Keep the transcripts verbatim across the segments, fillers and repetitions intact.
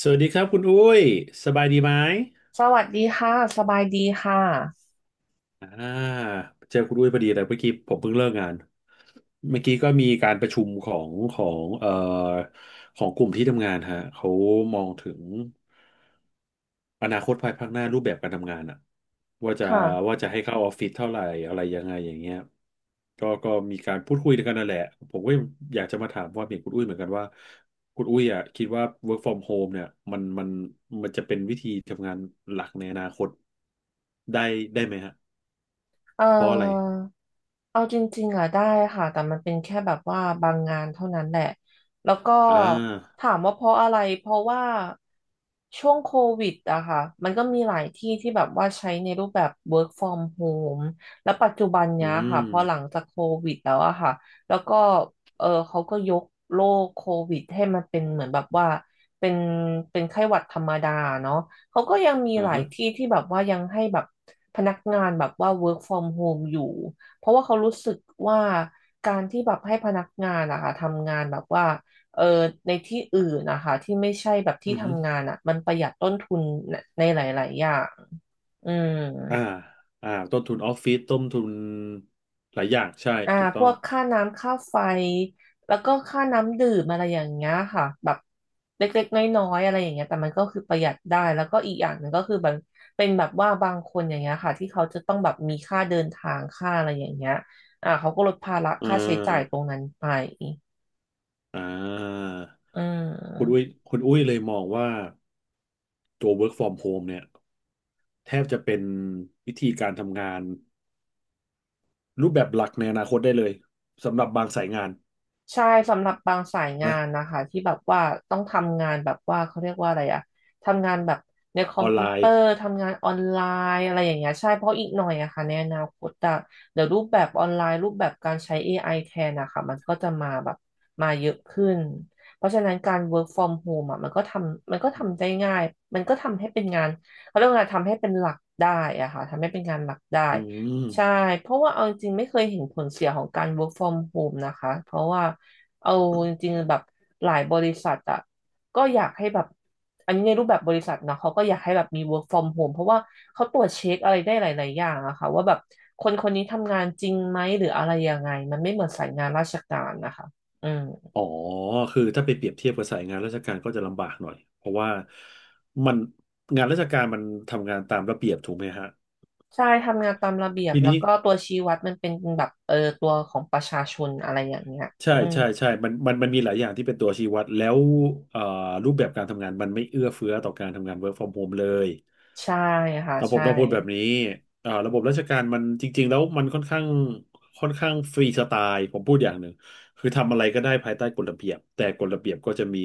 สวัสดีครับคุณอุ้ยสบายดีไหมสวัสดีค่ะสบายดีค่ะอ่าเจอคุณอุ้ยพอดีเลยเมื่อกี้ผมเพิ่งเลิกงานเมื่อกี้ก็มีการประชุมของของเอ่อของกลุ่มที่ทำงานฮะเขามองถึง อนาคตภายภาคหน้ารูปแบบการทำงานอะว่าจะค่ะว่าจะให้เข้าออฟฟิศเท่าไหร่อะไรยังไงอย่างเงี้ยก็ก็มีการพูดคุยกันนั่นแหละผมก็อยากจะมาถามความเห็นคุณอุ้ยเหมือนกันว่าคุณอุ้ยอะคิดว่า work from home เนี่ยมันมันมันจะเป็นวิธีทำงานหลักในอนาคตได้ได้ไหมฮะเอ่เพราะอะไรอเอาจริงๆอ่ะได้ค่ะแต่มันเป็นแค่แบบว่าบางงานเท่านั้นแหละแล้วก็อ่าถามว่าเพราะอะไรเพราะว่าช่วงโควิดอะค่ะมันก็มีหลายที่ที่แบบว่าใช้ในรูปแบบ work from home แล้วปัจจุบันอืเนี้ยค่ะมพอหลังจากโควิดแล้วอะค่ะแล้วก็เออเขาก็ยกโรคโควิดให้มันเป็นเหมือนแบบว่าเป็นเป็นไข้หวัดธรรมดาเนาะ เขาก็ยังมีหอ่าลายฮะที่ที่แบบว่ายังให้แบบพนักงานแบบว่า work from home อยู่ เพราะว่าเขารู้สึกว่าการที่แบบให้พนักงานอะค่ะทำงานแบบว่าเออในที่อื่นนะคะที่ไม่ใช่แบบที่อือฮึทำงานอะมันประหยัดต้นทุนในหลายๆอย่างอืม อ่าอ่าต้นทุนออฟฟิศต้นทุนหลายอย่างใช่อ่าถูกพต้อวงกค่าน้ำค่าไฟแล้วก็ค่าน้ำดื่มอะไรอย่างเงี้ยค่ะแบบเล็กๆน้อยๆอะไรอย่างเงี้ยแต่มันก็คือประหยัดได้แล้วก็อีกอย่างหนึ่งก็คือแบบเป็นแบบว่าบางคนอย่างเงี้ยค่ะที่เขาจะต้องแบบมีค่าเดินทางค่าอะไรอย่างเงี้ยอ่าเขาก็ลดภาระอ่ค่าใช้จ่ายตรงา นั้นไปอ่าอืคุณอุ้ยม คุณอุ้ยเลยมองว่าตัว work from home เนี่ยแทบจะเป็นวิธีการทำงานรูปแบบหลักในอนาคตได้เลยสำหรับบางสายงานใช่สำหรับบางสายงานะนนะคะที่แบบว่าต้องทำงานแบบว่าเขาเรียกว่าอะไรอะทำงานแบบในคออมอนพิไลวเตอน์ร์ทำงานออนไลน์อะไรอย่างเงี้ยใช่เพราะอีกหน่อยอะค่ะในอนาคตอะเดี๋ยวรูปแบบออนไลน์รูปแบบการใช้ เอ ไอ แทนนะคะมันก็จะมาแบบมาเยอะขึ้นเพราะฉะนั้นการ work from home อะมันก็ทำมันก็ทำได้ง่ายมันก็ทำให้เป็นงานเขาเรียกว่าทำให้เป็นหลักได้อะค่ะทำให้เป็นงานหลักได้ อืใช่ มเพราะว่าเอาจริงๆไม่เคยเห็นผลเสียของการ work from home นะคะเพราะว่าเอาจริงๆแบบหลายบริษัทอะก็อยากให้แบบอันนี้ในรูปแบบบริษัทนะเขาก็อยากให้แบบมี work from home เพราะว่าเขาตรวจเช็คอะไรได้หลายๆอย่างอะค่ะว่าแบบคนคนนี้ทำงานจริงไหมหรืออะไรยังไงมันไม่เหมือนสายงานราชการนะคะอืมอ๋อคือถ้าไปเปรียบเทียบกับสายงานราชการก็จะลำบากหน่อยเพราะว่ามันงานราชการมันทำงานตามระเบียบถูกไหมฮะใช่ทำงานตามระเบียบทีแล้วนี้ ก็ตัวชี้วัดมันเป็นแบบเออตัวของประชาชนอะไรอย่างเงี้ยใช่อืมใช่ใช่มันมันมันมีหลายอย่างที่เป็นตัวชี้วัดแล้วเอ่อรูปแบบการทำงานมันไม่เอื้อเฟื้อต่อการทำงาน work from home เลยใช่ค่ะแต่ผมใช่ต้องพูดแบบนี้เอ่อระบบราชการมันจริงๆแล้วมันค่อนข้างค่อนข้างฟรีสไตล์ผมพูดอย่างหนึ่งคือทำอะไรก็ได้ภายใต้กฎระเบียบแต่กฎระเบียบก็จะมี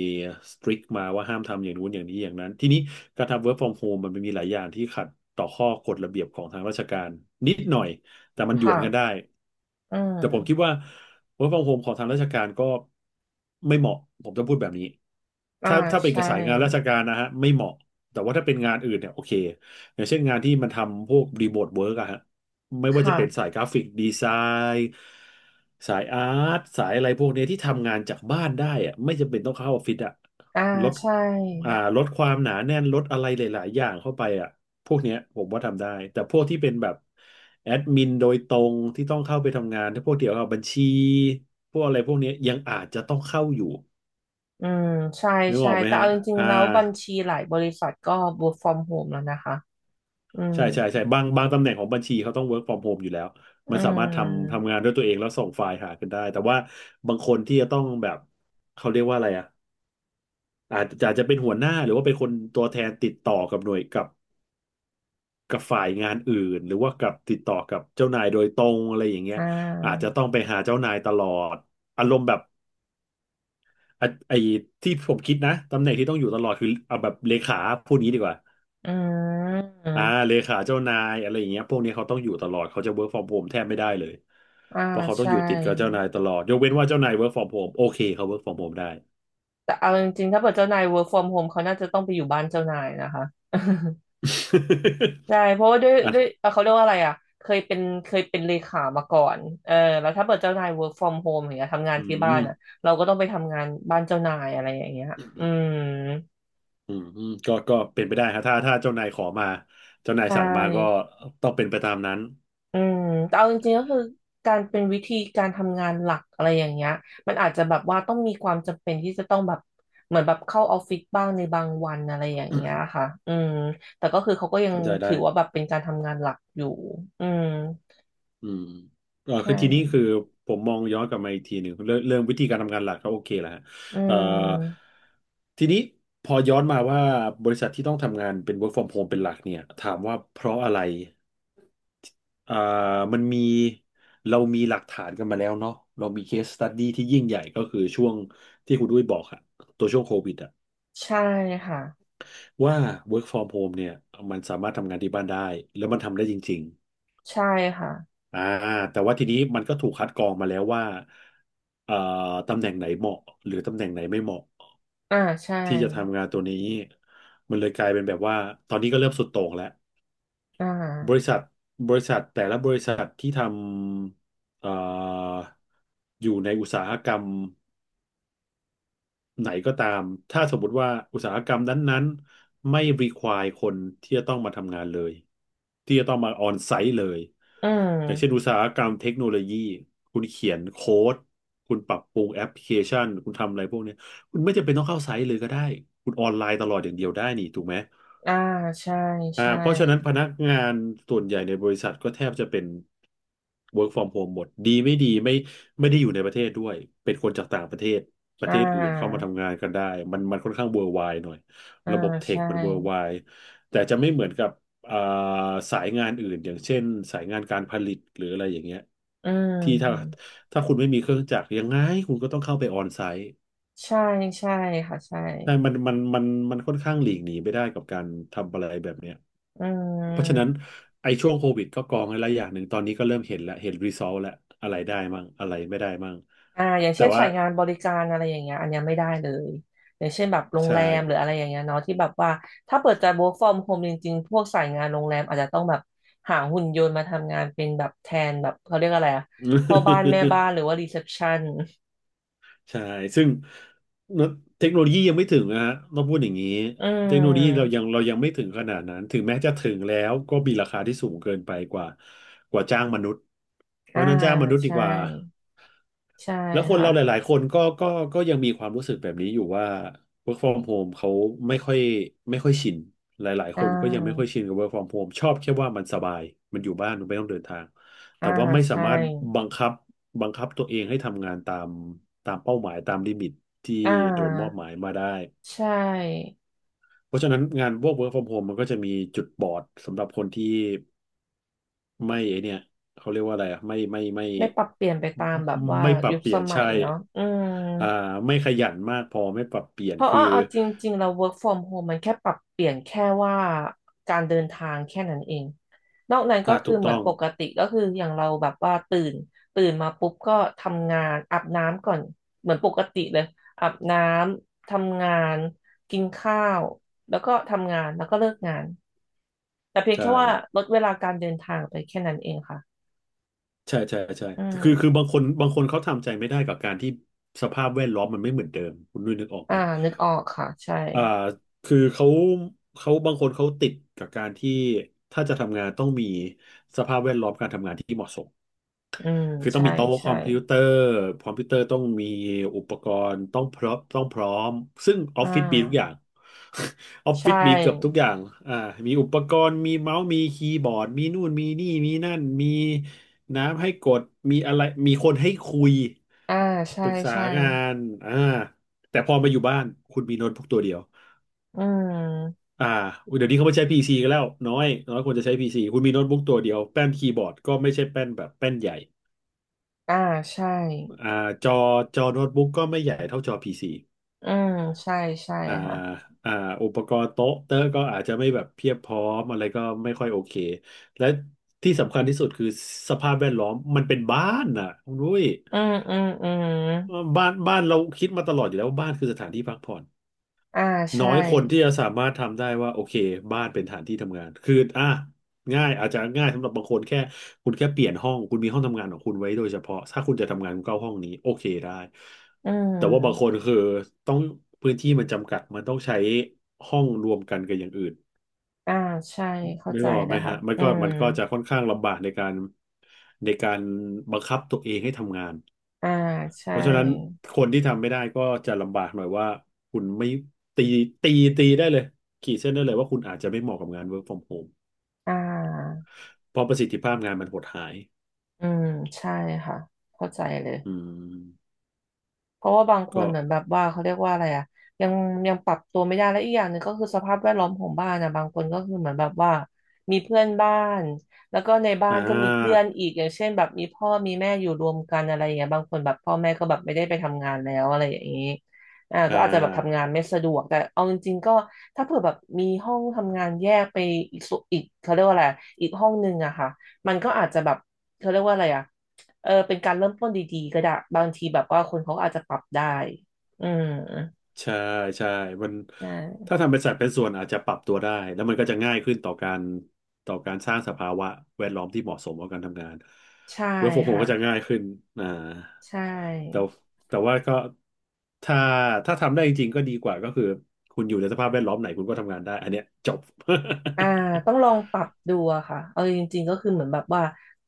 สตริกมาว่าห้ามทำอย่างนู้นอย่างนี้อย่างนั้นทีนี้การทำ work from home มันมีหลายอย่างที่ขัดต่อข้อกฎระเบียบของทางราชการนิดหน่อย แต่มันหยวค่ะนกันได้อืแต่ผมคิดม ว่า work from home ของทางราชการก็ไม่เหมาะผมจะพูดแบบนี้อ่าถ้าถ้าเป็นกัใช่บสายงานราชการนะฮะไม่เหมาะแต่ว่าถ้าเป็นงานอื่นเนี่ยโอเคอย่างเช่นงานที่มันทำพวกรีโมทเวิร์กอะฮะไม่ว่าจะเป็นค่ะสายกราฟิกดีไซน์สายอาร์ตสายอะไรพวกเนี้ยที่ทำงานจากบ้านได้อะไม่จำเป็นต้องเข้าออฟฟิศอะอ่าลด ใช่อ่าลดความหนาแน่นลดอะไรหลายๆอย่างเข้าไปอ่ะพวกเนี้ยผมว่าทำได้แต่พวกที่เป็นแบบแอดมินโดยตรงที่ต้องเข้าไปทำงานถ้าพวกเกี่ยวกับบัญชีพวกอะไรพวกเนี้ยยังอาจจะต้องเข้าอยู่อืมใช่นึกอใช่อกไหมแต่ฮะเอาจริงอ่าๆแล้วบัญชีหลายบริษัทก็ work from home แล้วนะคะอืมใช่ใช่ใช่บางบางตำแหน่งของบัญชีเขาต้อง work from home อยู่แล้วอืมันสามารถทำมทำงานด้วยตัวเองแล้วส่งไฟล์หากันได้แต่ว่าบางคนที่จะต้องแบบเขาเรียกว่าอะไรอ่ะอาจจะอาจจะเป็นหัวหน้าหรือว่าเป็นคนตัวแทนติดต่อกับหน่วยกับ กับฝ่ายงานอื่นหรือว่ากับติดต่อกับเจ้านายโดยตรงอะไรอย่างเงี้ยอ่อาจจะาต้องไปหาเจ้านายตลอดอารมณ์แบบอ่ะไอ้ที่ผมคิดนะตำแหน่งที่ต้องอยู่ตลอดคือเอาแบบเลขาพูดงี้ดีกว่าอือ่ามเลขาเจ้านายอะไรอย่างเงี้ยพวกนี้เขาต้องอยู่ตลอดเขาจะ work from home แทบไม่ได้เลยอ่าเพราะเขาต้องใช่อยู่ติดกับเจ้านายตลอดยกเว้นว่าเจ้านาย work from home โอเคเขา work from home ได้ แต่เอาจริงๆถ้าเกิดเจ้านาย work from home เขาน่าจะต้องไปอยู่บ้านเจ้านายนะคะ ใช่เพราะว่าด้วย อ่ะด้วยเอ่อเขาเรียกว่าอะไรอ่ะเคยเป็นเคยเป็นเลขามาก่อนเออแล้วถ้าเปิดเจ้านาย work from home อย่างเงี้ยทำงานอืที่บ้านม อ่ะเราก็ต้องไปทำงานบ้านเจ้านายอะไรอย่างเงี้ยอืมอืมอืมก็ก็เป็นไปได้ครับถ้าถ้าเจ้านายขอมาเจ้านายใชสั่งมาก็่ต้องเป็นไปตามนั้นอืมแต่เอาจริงๆก็คือการเป็นวิธีการทำงานหลักอะไรอย่างเงี้ยมันอาจจะแบบว่าต้องมีความจำเป็นที่จะต้องแบบเหมือนแบบเข้าออฟฟิศบ้างในบางวันอะไรอย่างเงี้ยค่ะอืมแต่ก็คือเขาก็ยังเข้าใจได้ถือว่าแบบเป็นการทำงานหลักอยู่อืมอืมเออใช่คือทีนี้คือผมมองย้อนกลับมาอีกทีหนึ่งเรื่องเรื่องวิธีการทำงานหลักก็โอเคแหละฮะอืเอ่อม ทีนี้พอย้อนมาว่าบริษัทที่ต้องทำงานเป็น work from home เป็นหลักเนี่ยถามว่าเพราะอะไรเอ่อมันมีเรามีหลักฐานกันมาแล้วเนาะเรามี case study ที่ยิ่งใหญ่ก็คือช่วงที่คุณด้วยบอกอะตัวช่วงโควิดอะ ใช่ค่ะว่า work from home เนี่ยมันสามารถทำงานที่บ้านได้แล้วมันทำได้จริงใช่ค่ะๆอ่าแต่ว่าทีนี้มันก็ถูกคัดกรองมาแล้วว่าเอ่อตำแหน่งไหนเหมาะหรือตำแหน่งไหนไม่เหมาะอ่าใช่ที่จะทำงานตัวนี้มันเลยกลายเป็นแบบว่าตอนนี้ก็เริ่มสุดโต่งแล้วอ่าบริษัทบริษัทแต่ละบริษัทที่ทำเอ่ออยู่ในอุตสาหกรรม ไหนก็ตาม ถ้าสมมติว่าอุตสาหกรรมนั้นๆไม่ require คนที่จะต้องมาทำงานเลย ที่จะต้องมาออนไซต์เลย อือย่างเช่นมอุตสาหกรรมเทคโนโลยีคุณเขียนโค้ดคุณปรับปรุงแอปพลิเคชันคุณทำอะไรพวกเนี้ยคุณไม่จำเป็นต้องเข้าไซต์เลยก็ได้ คุณออนไลน์ตลอดอย่างเดียวได้นี่ถูกไหม อ่าใช่อ่าใช่เพราะฉะนั้นพนักงานส่วนใหญ่ในบริษัทก็แทบจะเป็น work from home หมดดีไม่ดีไม่ไม่ได้อยู่ในประเทศด้วยเป็นคนจากต่างประเทศประอ่เทศอื่นเข้ามาาทำงานกันได้มันมันค่อนข้าง worldwide หน่อยอ่าระบบเทคใช่มัน worldwide แต่จะไม่เหมือนกับอ่าสายงานอื่นอย่างเช่นสายงานการผลิตหรืออะไรอย่างเงี้ยอืที่ถ้ามถ้าคุณไม่มีเครื่องจักรยังไงคุณก็ต้องเข้าไปออนไซต์ใช่ใช่ค่ะใช่ใช่มันมันมันมันค่อนข้างหลีกหนีไม่ได้กับการทำอะไรแบบเนี้ย อืเพราะฉะนั้นมไอ้ช่วงโควิดก็กองไว้และอย่างหนึ่งตอนนี้ก็เริ่มเห็นแล้วเห็นรีซอสแล้วอะไรได้มั่งอะไรไม่ได้มั่งอ่าอย่างแต่เช่นว่าสายงานบริการอะไรอย่างเงี้ยอันเนี้ยไม่ได้เลยอย่างเช่นแบบโรงใช่ แรมหรืออะไรอย่างเงี้ยเนาะที่แบบว่าถ้าเปิดจะ work from home จริงๆพวกสายงานโรงแรมอาจจะต้องแบบหาหุ่นยนต์มาทำงานเป็นแบบแทนแบบเขาเรียกอะไรอะพ่อบ้านแม่บ้านหรือ ว่ารีเซพชัน ใช่ซึ่งเทคโนโลยียังไม่ถึงนะฮะต้องพูดอย่างนี้อืเทคโนโลยีเรายัมงเรายังไม่ถึงขนาดนั้นถึงแม้จะถึงแล้วก็มีราคาที่สูงเกินไปกว่ากว่าจ้างมนุษย์เพอ่าราะฉะนั้นจ้างมนุษย์ดีใช่กว่า ใช่แล้วคนเราหค่ะลายๆ คนก็ก็ก็ยังมีความรู้สึกแบบนี้อยู่ว่า work from home เขาไม่ค่อยไม่ค่อยชินหลายๆ อ่คนก็ยังไม่ค่อยาชินกับ work from home ชอบแค่ว่ามันสบายมันอยู่บ้านมันไม่ต้องเดินทางอ่าแต่ว่าไม่สาใช่มารถบังคับบังคับตัวเองให้ทำงานตามตามเป้าหมายตามลิมิตที่อ่โดนมอบหามายมาได้ใช่เพราะฉะนั้นงานพวก work from home มันก็จะมีจุดบอดสำหรับคนที่ ไม่ไอเนี่ยเขาเรียกว่าอะไรอ่ะไม่ไม่ไม่ไม่ปรับเปลี่ยนไปตามแบบว่าไม่ปรับยุคเปลี่สยนมัใช่ยเนาะอืม อ่าไม่ขยันมากพอไม่ปรับเปลี่ยเพนราะคือว่าเอาจริงๆเรา work from home มันแค่ปรับเปลี่ยนแค่ว่าการเดินทางแค่นั้นเองนอกนั้นก็อ่าคืถูอกเหมืต้ออนงปกติก็คืออย่างเราแบบว่าตื่นตื่นมาปุ๊บก็ทำงานอาบน้ำก่อนเหมือนปกติเลยอาบน้ำทำงานกินข้าวแล้วก็ทำงานแล้วก็เลิกงานแต่เพียงใช่แค่ว่าฮะลดเวลาการเดินทางไปแค่นั้นเองค่ะใช่ใช่ใช่อืคือคือบามงคนบางคนเขาทำใจไม่ได้กับการที่สภาพแวดล้อมมันไม่เหมือนเดิมคุณนุ้ยนึกออกไหอ่ามนึกออกค่ะใช่อ่าคือเขาเขาบางคนเขาติดกับการที่ถ้าจะทำงานต้องมีสภาพแวดล้อมการทำงานที่เหมาะสม อืมคือต้องใช่มีโต๊ะคใช่อมพิวเตอร์คอมพิวเตอร์ต้องมีอุปกรณ์ต้องพร้อมต้องพร้อมซึ่งออ่อฟฟิศมีทุกอย่าาง ออฟฟิใช่ ศมีเกือบทุกอย่างอ่ามีอุปกรณ์ มีเมาส์มีคีย์บอร์ดมีนู่นมีนี่ มีนั่น มีน้ำให้กดมีอะไรมีคนให้คุยอ่าใช่ปรึกษาใช่งานอ่าแต่พอมาอยู่บ้านคุณมีโน้ตบุ๊กตัวเดียวอืมอ่าเดี๋ยวนี้เขาไม่ใช้ พี ซี กันแล้วน้อยน้อยคนจะใช้ p ีซีคุณมีโน้ตบุ๊กตัวเดียวแป้นคีย์บอร์ดก็ไม่ใช่แป้นแบบแป้นใหญ่ อ่าใช่อ่าจอจอโน้ตบุ๊กก็ไม่ใหญ่เท่าจอพีซีอืมใช่ใช่อ่าค่ะอ่าอุปกรณ์โต๊ะเตอร์ก็อาจจะไม่แบบเพียบพร้อมอะไรก็ไม่ค่อยโอเคและที่สำคัญที่สุดคือสภาพแวดล้อมมันเป็นบ้านน่ะคุณด้ยอืมอืมอืมบ้านบ้านเราคิดมาตลอดอยู่แล้วว่าบ้านคือสถานที่พักผ่อน อ่าน้อใช่ยคนที่จะสามารถทำได้ว่าโอเคบ้านเป็นฐานที่ทำงานคืออ่ะง่ายอาจจะง่ายสำหรับบางคนแค่คุณแค่เปลี่ยนห้องคุณมีห้องทำงานของคุณไว้โดยเฉพาะถ้าคุณจะทำงานคุณเข้าห้องนี้โอเคได้อืแต่ว่าบางคมนคือต้องพื้นที่มันจำกัดมันต้องใช้ห้องรวมกันกับอย่างอื่นอ่าใช่เข้านึกใจออกเลไหมยค่ะฮะมันอืก็มมันก็จะค่อนข้างลำบากในการในการบังคับตัวเองให้ทำงาน อ่าใช่เพราะฉะนั้นคนที่ทำไม่ได้ก็จะลำบากหน่อยว่าคุณไม่ตีตีตีได้เลยขีดเส้นได้เลยว่าคุณอาจจะไม่เหมาะกับงาน work from home อ่าเพราะประสิทธิภาพงานมันหดหายอืมใช่ค่ะเข้าใจเลย อืมเพราะว่าบางคนก็เหมือนแบบว่าเขาเรียกว่าอะไรอ่ะยังยังปรับตัวไม่ได้และอีกอย่างหนึ่งก็คือสภาพแวดล้อมของบ้านนะบางคนก็คือเหมือนแบบว่ามีเพื่อนบ้านแล้วก็ในบ้าอ่นก็มีเพื่อานอีกอย่างเช่นแบบมีพ่อมีแม่อยู่รวมกันอะไรอย่างเงี้ยบางคนแบบพ่อแม่ก็แบบไม่ได้ไปทำงานแล้วอะไรอย่างนี้อ่าอ่ก็อาจจะแบบทำงาา นไม่สะดวกแต่เอาจริงๆก็ถ้าเผื่อแบบมีห้องทำงานแยกไปอีกส่วนอีกเขาเรียกว่าอะไรอีกห้องนึงอะค่ะมันก็อาจจะแบบเขาเรียกว่าอะไรอะ เออเป็นการเริ่มต้นดีๆก็ได้บางทีแบบว่าคนเขาอาจจะปรับได้อืมใช่ใช่มันใช่ถ้าทำเป็นสัดเป็นส่วนอาจจะปรับตัวได้แล้วมันก็จะง่ายขึ้นต่อการต่อการสร้างสภาวะแวดล้อมที่เหมาะสมกับการทำงานใช่เวิร์กฟรอมโฮมค่ะก็จะง่ายขึ้นอ่าใชแต่่แต่ว่าก็ถ้าถ้าทำได้จริงๆก็ดีกว่าก็คือคุณอยู่ในสภาพแวดล้อมไหนคุณก็ทำงานได้อันเนี้ยจบ อ่าต้องลองปรับดูอะค่ะเอาจริงๆก็คือเหมือนแบบว่า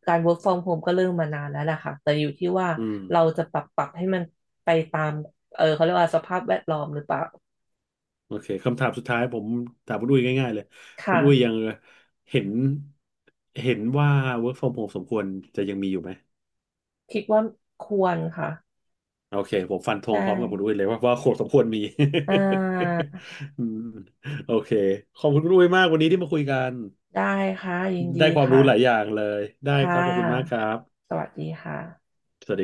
การ work from home ก็เริ่มมานานแล้วแหละค่ะแต่อยู่ที่ว่า อืมเราจะปรับปรับให้มันไปตามเออเขาเรียกว่าสภาพแวดล้อมหรือเปล่าโอเคคำถามสุดท้ายผมถามคุณอุ้ยง่ายๆเลยคคุณอุ้ยยั่ะงเห็นเห็นว่า work from home สมควรจะยังมีอยู่ไหม คิดว่าควรค่ะโอเคผมฟันธได้งพร้อมกับคุณอุ้ยเลยว่าว่าโคตรสมควรมี อ่า อืมโอเคขอบคุณคุณอุ้ยมากวันนี้ที่มาคุยกันได้ค่ะยินได้ดีความรู้ค่ะหลายอย่างเลยได้คค่ะรับขอบคุณมากครับสวัสดีค่ะสวัสดี